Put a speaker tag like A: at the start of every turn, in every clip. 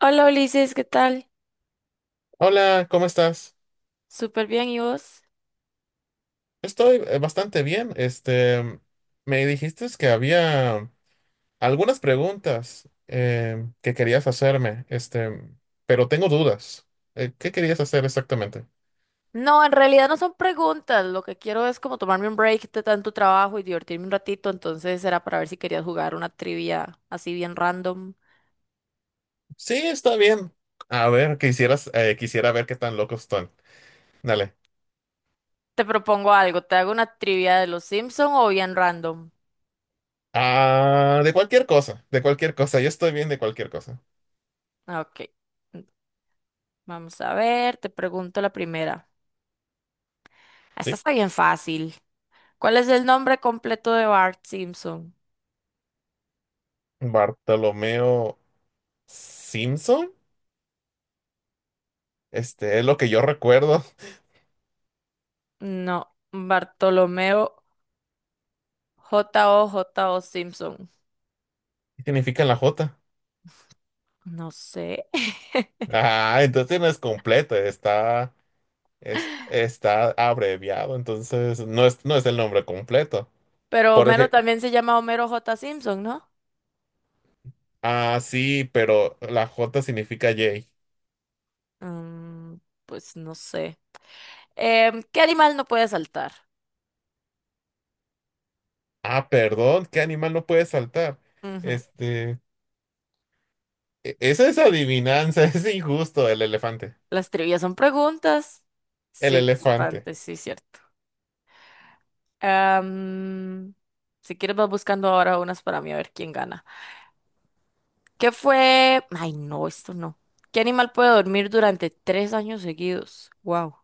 A: Hola Ulises, ¿qué tal?
B: Hola, ¿cómo estás?
A: Súper bien, ¿y vos?
B: Estoy bastante bien. Me dijiste que había algunas preguntas que querías hacerme, pero tengo dudas. ¿Qué querías hacer exactamente?
A: No, en realidad no son preguntas. Lo que quiero es como tomarme un break de tanto trabajo y divertirme un ratito. Entonces era para ver si querías jugar una trivia así bien random.
B: Sí, está bien. A ver, quisiera ver qué tan locos están. Dale.
A: Te propongo algo. ¿Te hago una trivia de los Simpson o bien random?
B: Ah, de cualquier cosa, de cualquier cosa. Yo estoy bien de cualquier cosa.
A: Ah, Ok. mm, Vamos a ver. Te pregunto la primera. Esta
B: Sí.
A: está bien fácil. ¿Cuál es el nombre completo de Bart Simpson?
B: Bartolomeo Simpson, este es lo que yo recuerdo.
A: No, Bartolomeo J O J O Simpson.
B: ¿Qué significa en la J?
A: No sé.
B: Ah, entonces no es completo, está, está abreviado, entonces no es, no es el nombre completo.
A: Pero
B: Por
A: Homero
B: ejemplo,
A: también se llama Homero J. Simpson, ¿no?
B: ah, sí, pero la J significa J.
A: Mm, pues no sé. ¿Qué animal no puede saltar?
B: Ah, perdón, ¿qué animal no puede saltar?
A: Ujú.
B: Este, esa es adivinanza, es injusto, el elefante.
A: Las trivias son preguntas.
B: El
A: Sí,
B: elefante.
A: bastante, sí, cierto. Am, si quieres vas buscando ahora unas para mí a ver quién gana. ¿Qué fue? Ay, no, esto no. ¿Qué animal puede dormir durante tres años seguidos? Wow.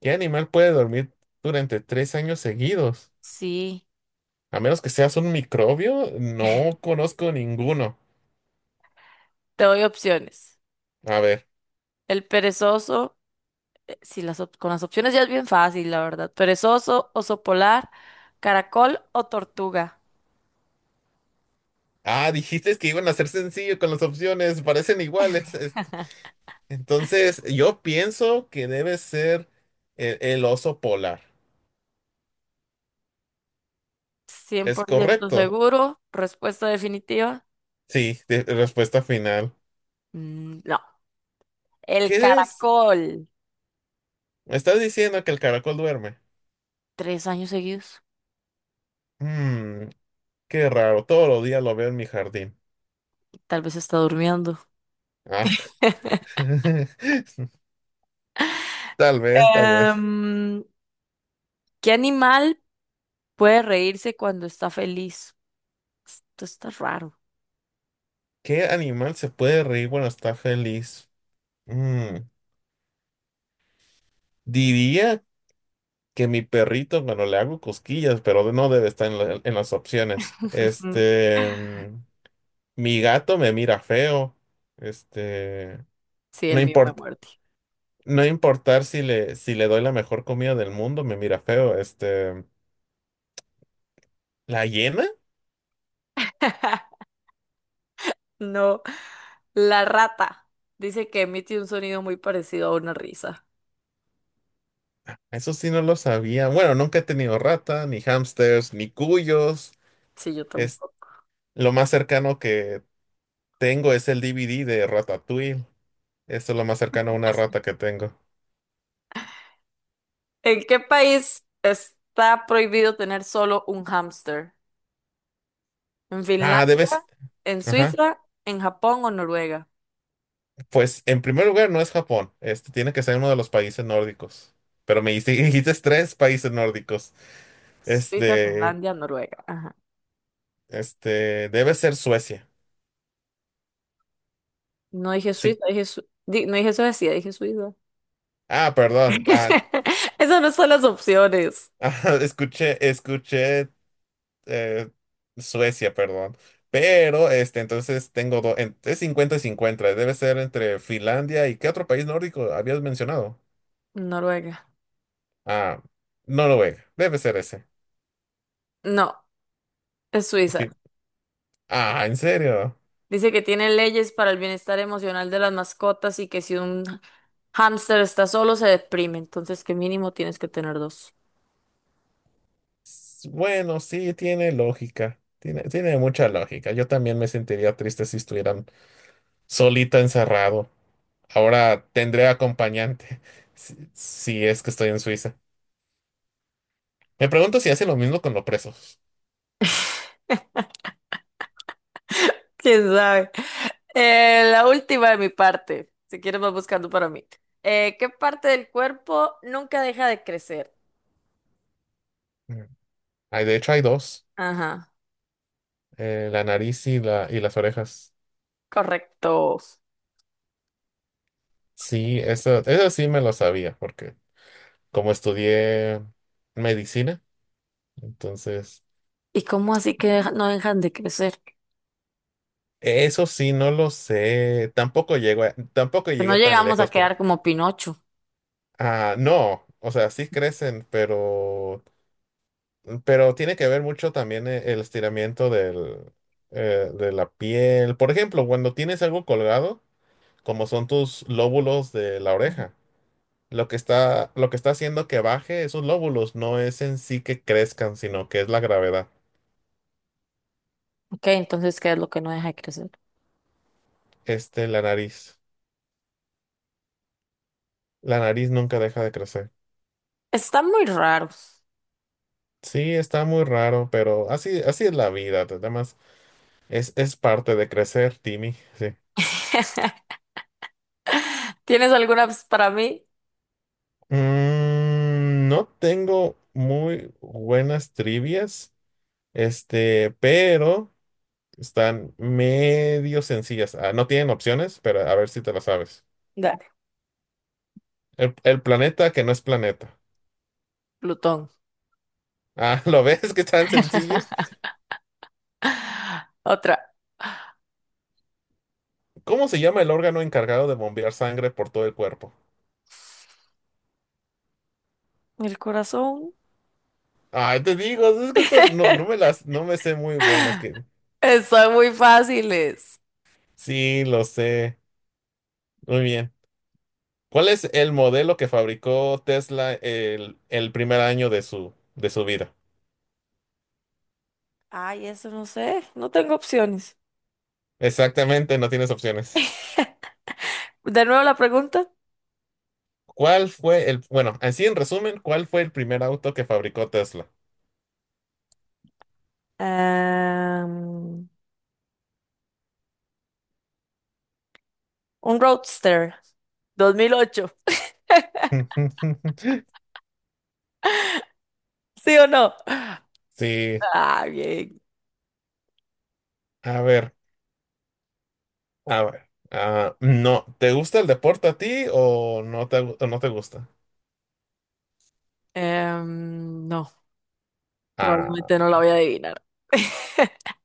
B: ¿Qué animal puede dormir durante 3 años seguidos?
A: Sí,
B: A menos que seas un microbio, no conozco ninguno.
A: te doy opciones.
B: A ver.
A: El perezoso. Si las con las opciones ya es bien fácil, la verdad. Perezoso, oso polar, caracol o tortuga.
B: Ah, dijiste que iban a ser sencillo con las opciones, parecen iguales. Entonces, yo pienso que debe ser el oso polar.
A: Cien
B: ¿Es
A: por ciento
B: correcto?
A: seguro. Respuesta definitiva.
B: Sí, respuesta final.
A: Mm, no, el
B: ¿Qué es?
A: caracol.
B: Me estás diciendo que el caracol duerme.
A: Tres años seguidos.
B: Mm, qué raro, todos los días lo veo en mi jardín.
A: Tal vez está durmiendo.
B: Ah, tal vez, tal vez.
A: Em, ¿Qué animal puede reírse cuando está feliz? Esto está raro.
B: ¿Qué animal se puede reír cuando está feliz? Mm. Diría que mi perrito, bueno, le hago cosquillas, pero no debe estar en, en las opciones. Mi gato me mira feo. Este,
A: Sí,
B: no
A: el mío me
B: importa,
A: muerde.
B: no importar si le, si le doy la mejor comida del mundo, me mira feo. La hiena,
A: No, la rata. Dice que emite un sonido muy parecido a una risa.
B: eso sí no lo sabía. Bueno, nunca he tenido rata, ni hamsters, ni cuyos.
A: Sí, yo
B: Es,
A: tampoco.
B: lo más cercano que tengo es el DVD de Ratatouille. Eso es lo más cercano a una rata que tengo.
A: ¿En qué país está prohibido tener solo un hámster? ¿En
B: Ah, debes.
A: Finlandia, en
B: Ajá.
A: Suiza, en Japón o Noruega?
B: Pues en primer lugar no es Japón, tiene que ser uno de los países nórdicos. Pero me dijiste, dijiste tres países nórdicos.
A: Suiza,
B: Este,
A: Finlandia, Noruega. Ajá.
B: debe ser Suecia.
A: No dije
B: Sí.
A: Suiza, dije no dije Suecia, dije Suiza.
B: Ah, perdón. Ah,
A: Esas no son las opciones.
B: ah, escuché eh, Suecia, perdón. Pero, entonces tengo dos, es 50 y 50. Debe ser entre Finlandia y ¿qué otro país nórdico habías mencionado?
A: Noruega.
B: Ah, Noruega. Debe ser ese.
A: No, es
B: Es
A: Suiza.
B: fin- Ah, ¿en serio?
A: Dice que tiene leyes para el bienestar emocional de las mascotas y que si un hámster está solo se deprime, entonces que mínimo tienes que tener dos.
B: S- Bueno, sí, tiene lógica. Tiene, tiene mucha lógica. Yo también me sentiría triste si estuvieran solita encerrado. Ahora tendré acompañante si, si es que estoy en Suiza. Me pregunto si hace lo mismo con los presos.
A: ¿Quién sabe? La última de mi parte. Si quieres, vas buscando para mí. ¿Qué parte del cuerpo nunca deja de crecer?
B: Mm. Ay, de hecho, hay dos,
A: Ajá,
B: la nariz y las orejas.
A: correcto.
B: Sí, eso sí me lo sabía, porque como estudié medicina, entonces
A: ¿Y cómo así que no dejan de crecer?
B: eso sí no lo sé. Tampoco llego a- tampoco
A: Que no
B: llegué tan
A: llegamos a
B: lejos como.
A: quedar como Pinocho.
B: Ah, no, o sea, sí crecen, pero, tiene que ver mucho también el estiramiento del, de la piel. Por ejemplo, cuando tienes algo colgado, como son tus lóbulos de la oreja, lo que está haciendo que baje esos lóbulos no es en sí que crezcan, sino que es la gravedad.
A: Ok, entonces, ¿qué es lo que no deja de crecer?
B: La nariz. La nariz nunca deja de crecer.
A: Están muy raros.
B: Sí, está muy raro, pero así, así es la vida. Además, es parte de crecer, Timmy. Sí.
A: ¿Tienes alguna pues, para mí?
B: No tengo muy buenas trivias, pero están medio sencillas. Ah, no tienen opciones, pero a ver si te las sabes.
A: Dale,
B: El planeta que no es planeta.
A: Plutón.
B: Ah, ¿lo ves que es tan sencilla?
A: Otra.
B: ¿Cómo se llama el órgano encargado de bombear sangre por todo el cuerpo?
A: El corazón.
B: Ay, te digo, es que esto no, no me las, no me sé muy buenas que.
A: Están muy fáciles.
B: Sí, lo sé. Muy bien. ¿Cuál es el modelo que fabricó Tesla el primer año de su vida?
A: Ay, eso no sé. No tengo opciones.
B: Exactamente, no tienes opciones.
A: De nuevo la pregunta.
B: ¿Cuál fue el, bueno, así en resumen, ¿cuál fue el primer auto que fabricó Tesla?
A: Em, un Roadster 2008. ¿Sí o no?
B: Sí,
A: Ah, bien.
B: a ver, a ver. Ah, no, ¿te gusta el deporte a ti o o no te gusta?
A: No, probablemente
B: Ah,
A: no la voy a adivinar.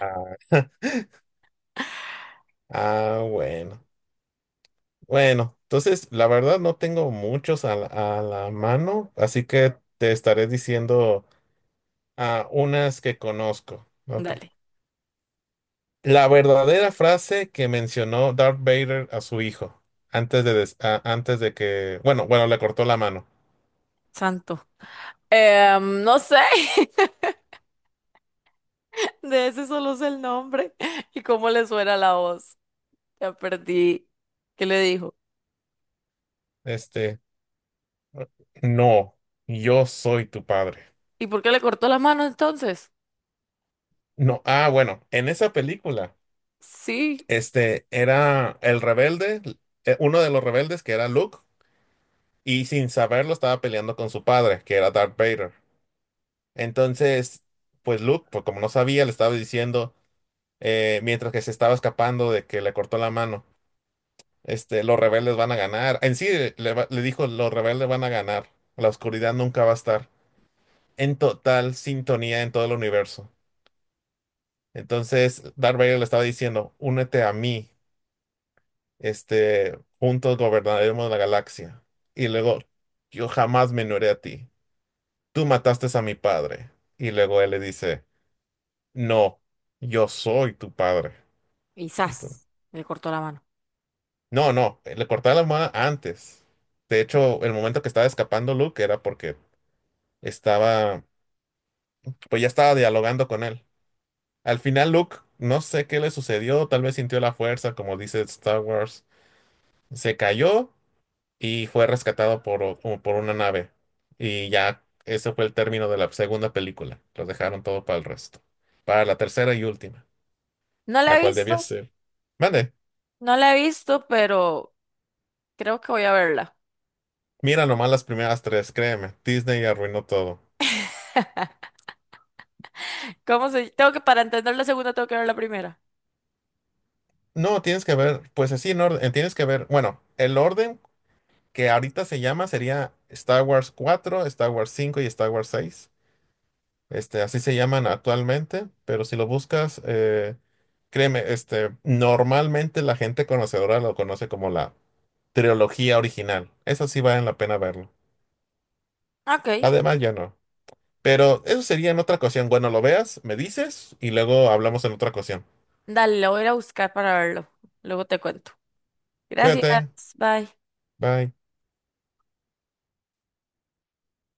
B: ah, ah, bueno. Bueno, entonces la verdad no tengo muchos a la mano, así que te estaré diciendo a unas que conozco. Ok.
A: Dale,
B: La verdadera frase que mencionó Darth Vader a su hijo antes de, antes de que, bueno, bueno, le cortó la mano.
A: santo. No sé. De ese solo sé el nombre y cómo le suena la voz. Ya perdí. ¿Qué le dijo?
B: Este, no, yo soy tu padre.
A: ¿Y por qué le cortó la mano entonces?
B: No, ah, bueno, en esa película,
A: Sí.
B: era el rebelde, uno de los rebeldes que era Luke, y sin saberlo estaba peleando con su padre, que era Darth Vader. Entonces, pues Luke, pues como no sabía, le estaba diciendo, mientras que se estaba escapando de que le cortó la mano, los rebeldes van a ganar. En sí, le dijo, los rebeldes van a ganar. La oscuridad nunca va a estar en total sintonía en todo el universo. Entonces, Darth Vader le estaba diciendo, únete a mí, juntos gobernaremos la galaxia. Y luego, yo jamás me uniré a ti. Tú mataste a mi padre. Y luego él le dice, no, yo soy tu padre.
A: Y
B: Ento-
A: zas, le cortó la mano.
B: No, no, le cortaba la almohada antes. De hecho, el momento que estaba escapando Luke era porque estaba, pues ya estaba dialogando con él. Al final Luke, no sé qué le sucedió, tal vez sintió la fuerza, como dice Star Wars, se cayó y fue rescatado por, o por una nave. Y ya ese fue el término de la segunda película. Los dejaron todo para el resto. Para la tercera y última,
A: No la
B: la
A: he
B: cual debía
A: visto,
B: ser. Mande,
A: no la he visto, pero creo que voy a verla.
B: mira nomás las primeras tres, créeme, Disney arruinó todo.
A: ¿Cómo se...? Tengo que, para entender la segunda, tengo que ver la primera.
B: No, tienes que ver, pues así en orden, tienes que ver, bueno, el orden que ahorita se llama sería Star Wars 4, Star Wars 5 y Star Wars 6. Así se llaman actualmente, pero si lo buscas, créeme, normalmente la gente conocedora lo conoce como la trilogía original. Eso sí vale la pena verlo.
A: Ok.
B: Además, ya no. Pero eso sería en otra ocasión. Bueno, lo veas, me dices y luego hablamos en otra ocasión.
A: Dale, la voy a ir a buscar para verlo. Luego te cuento. Gracias.
B: Cuídate,
A: Bye.
B: bye.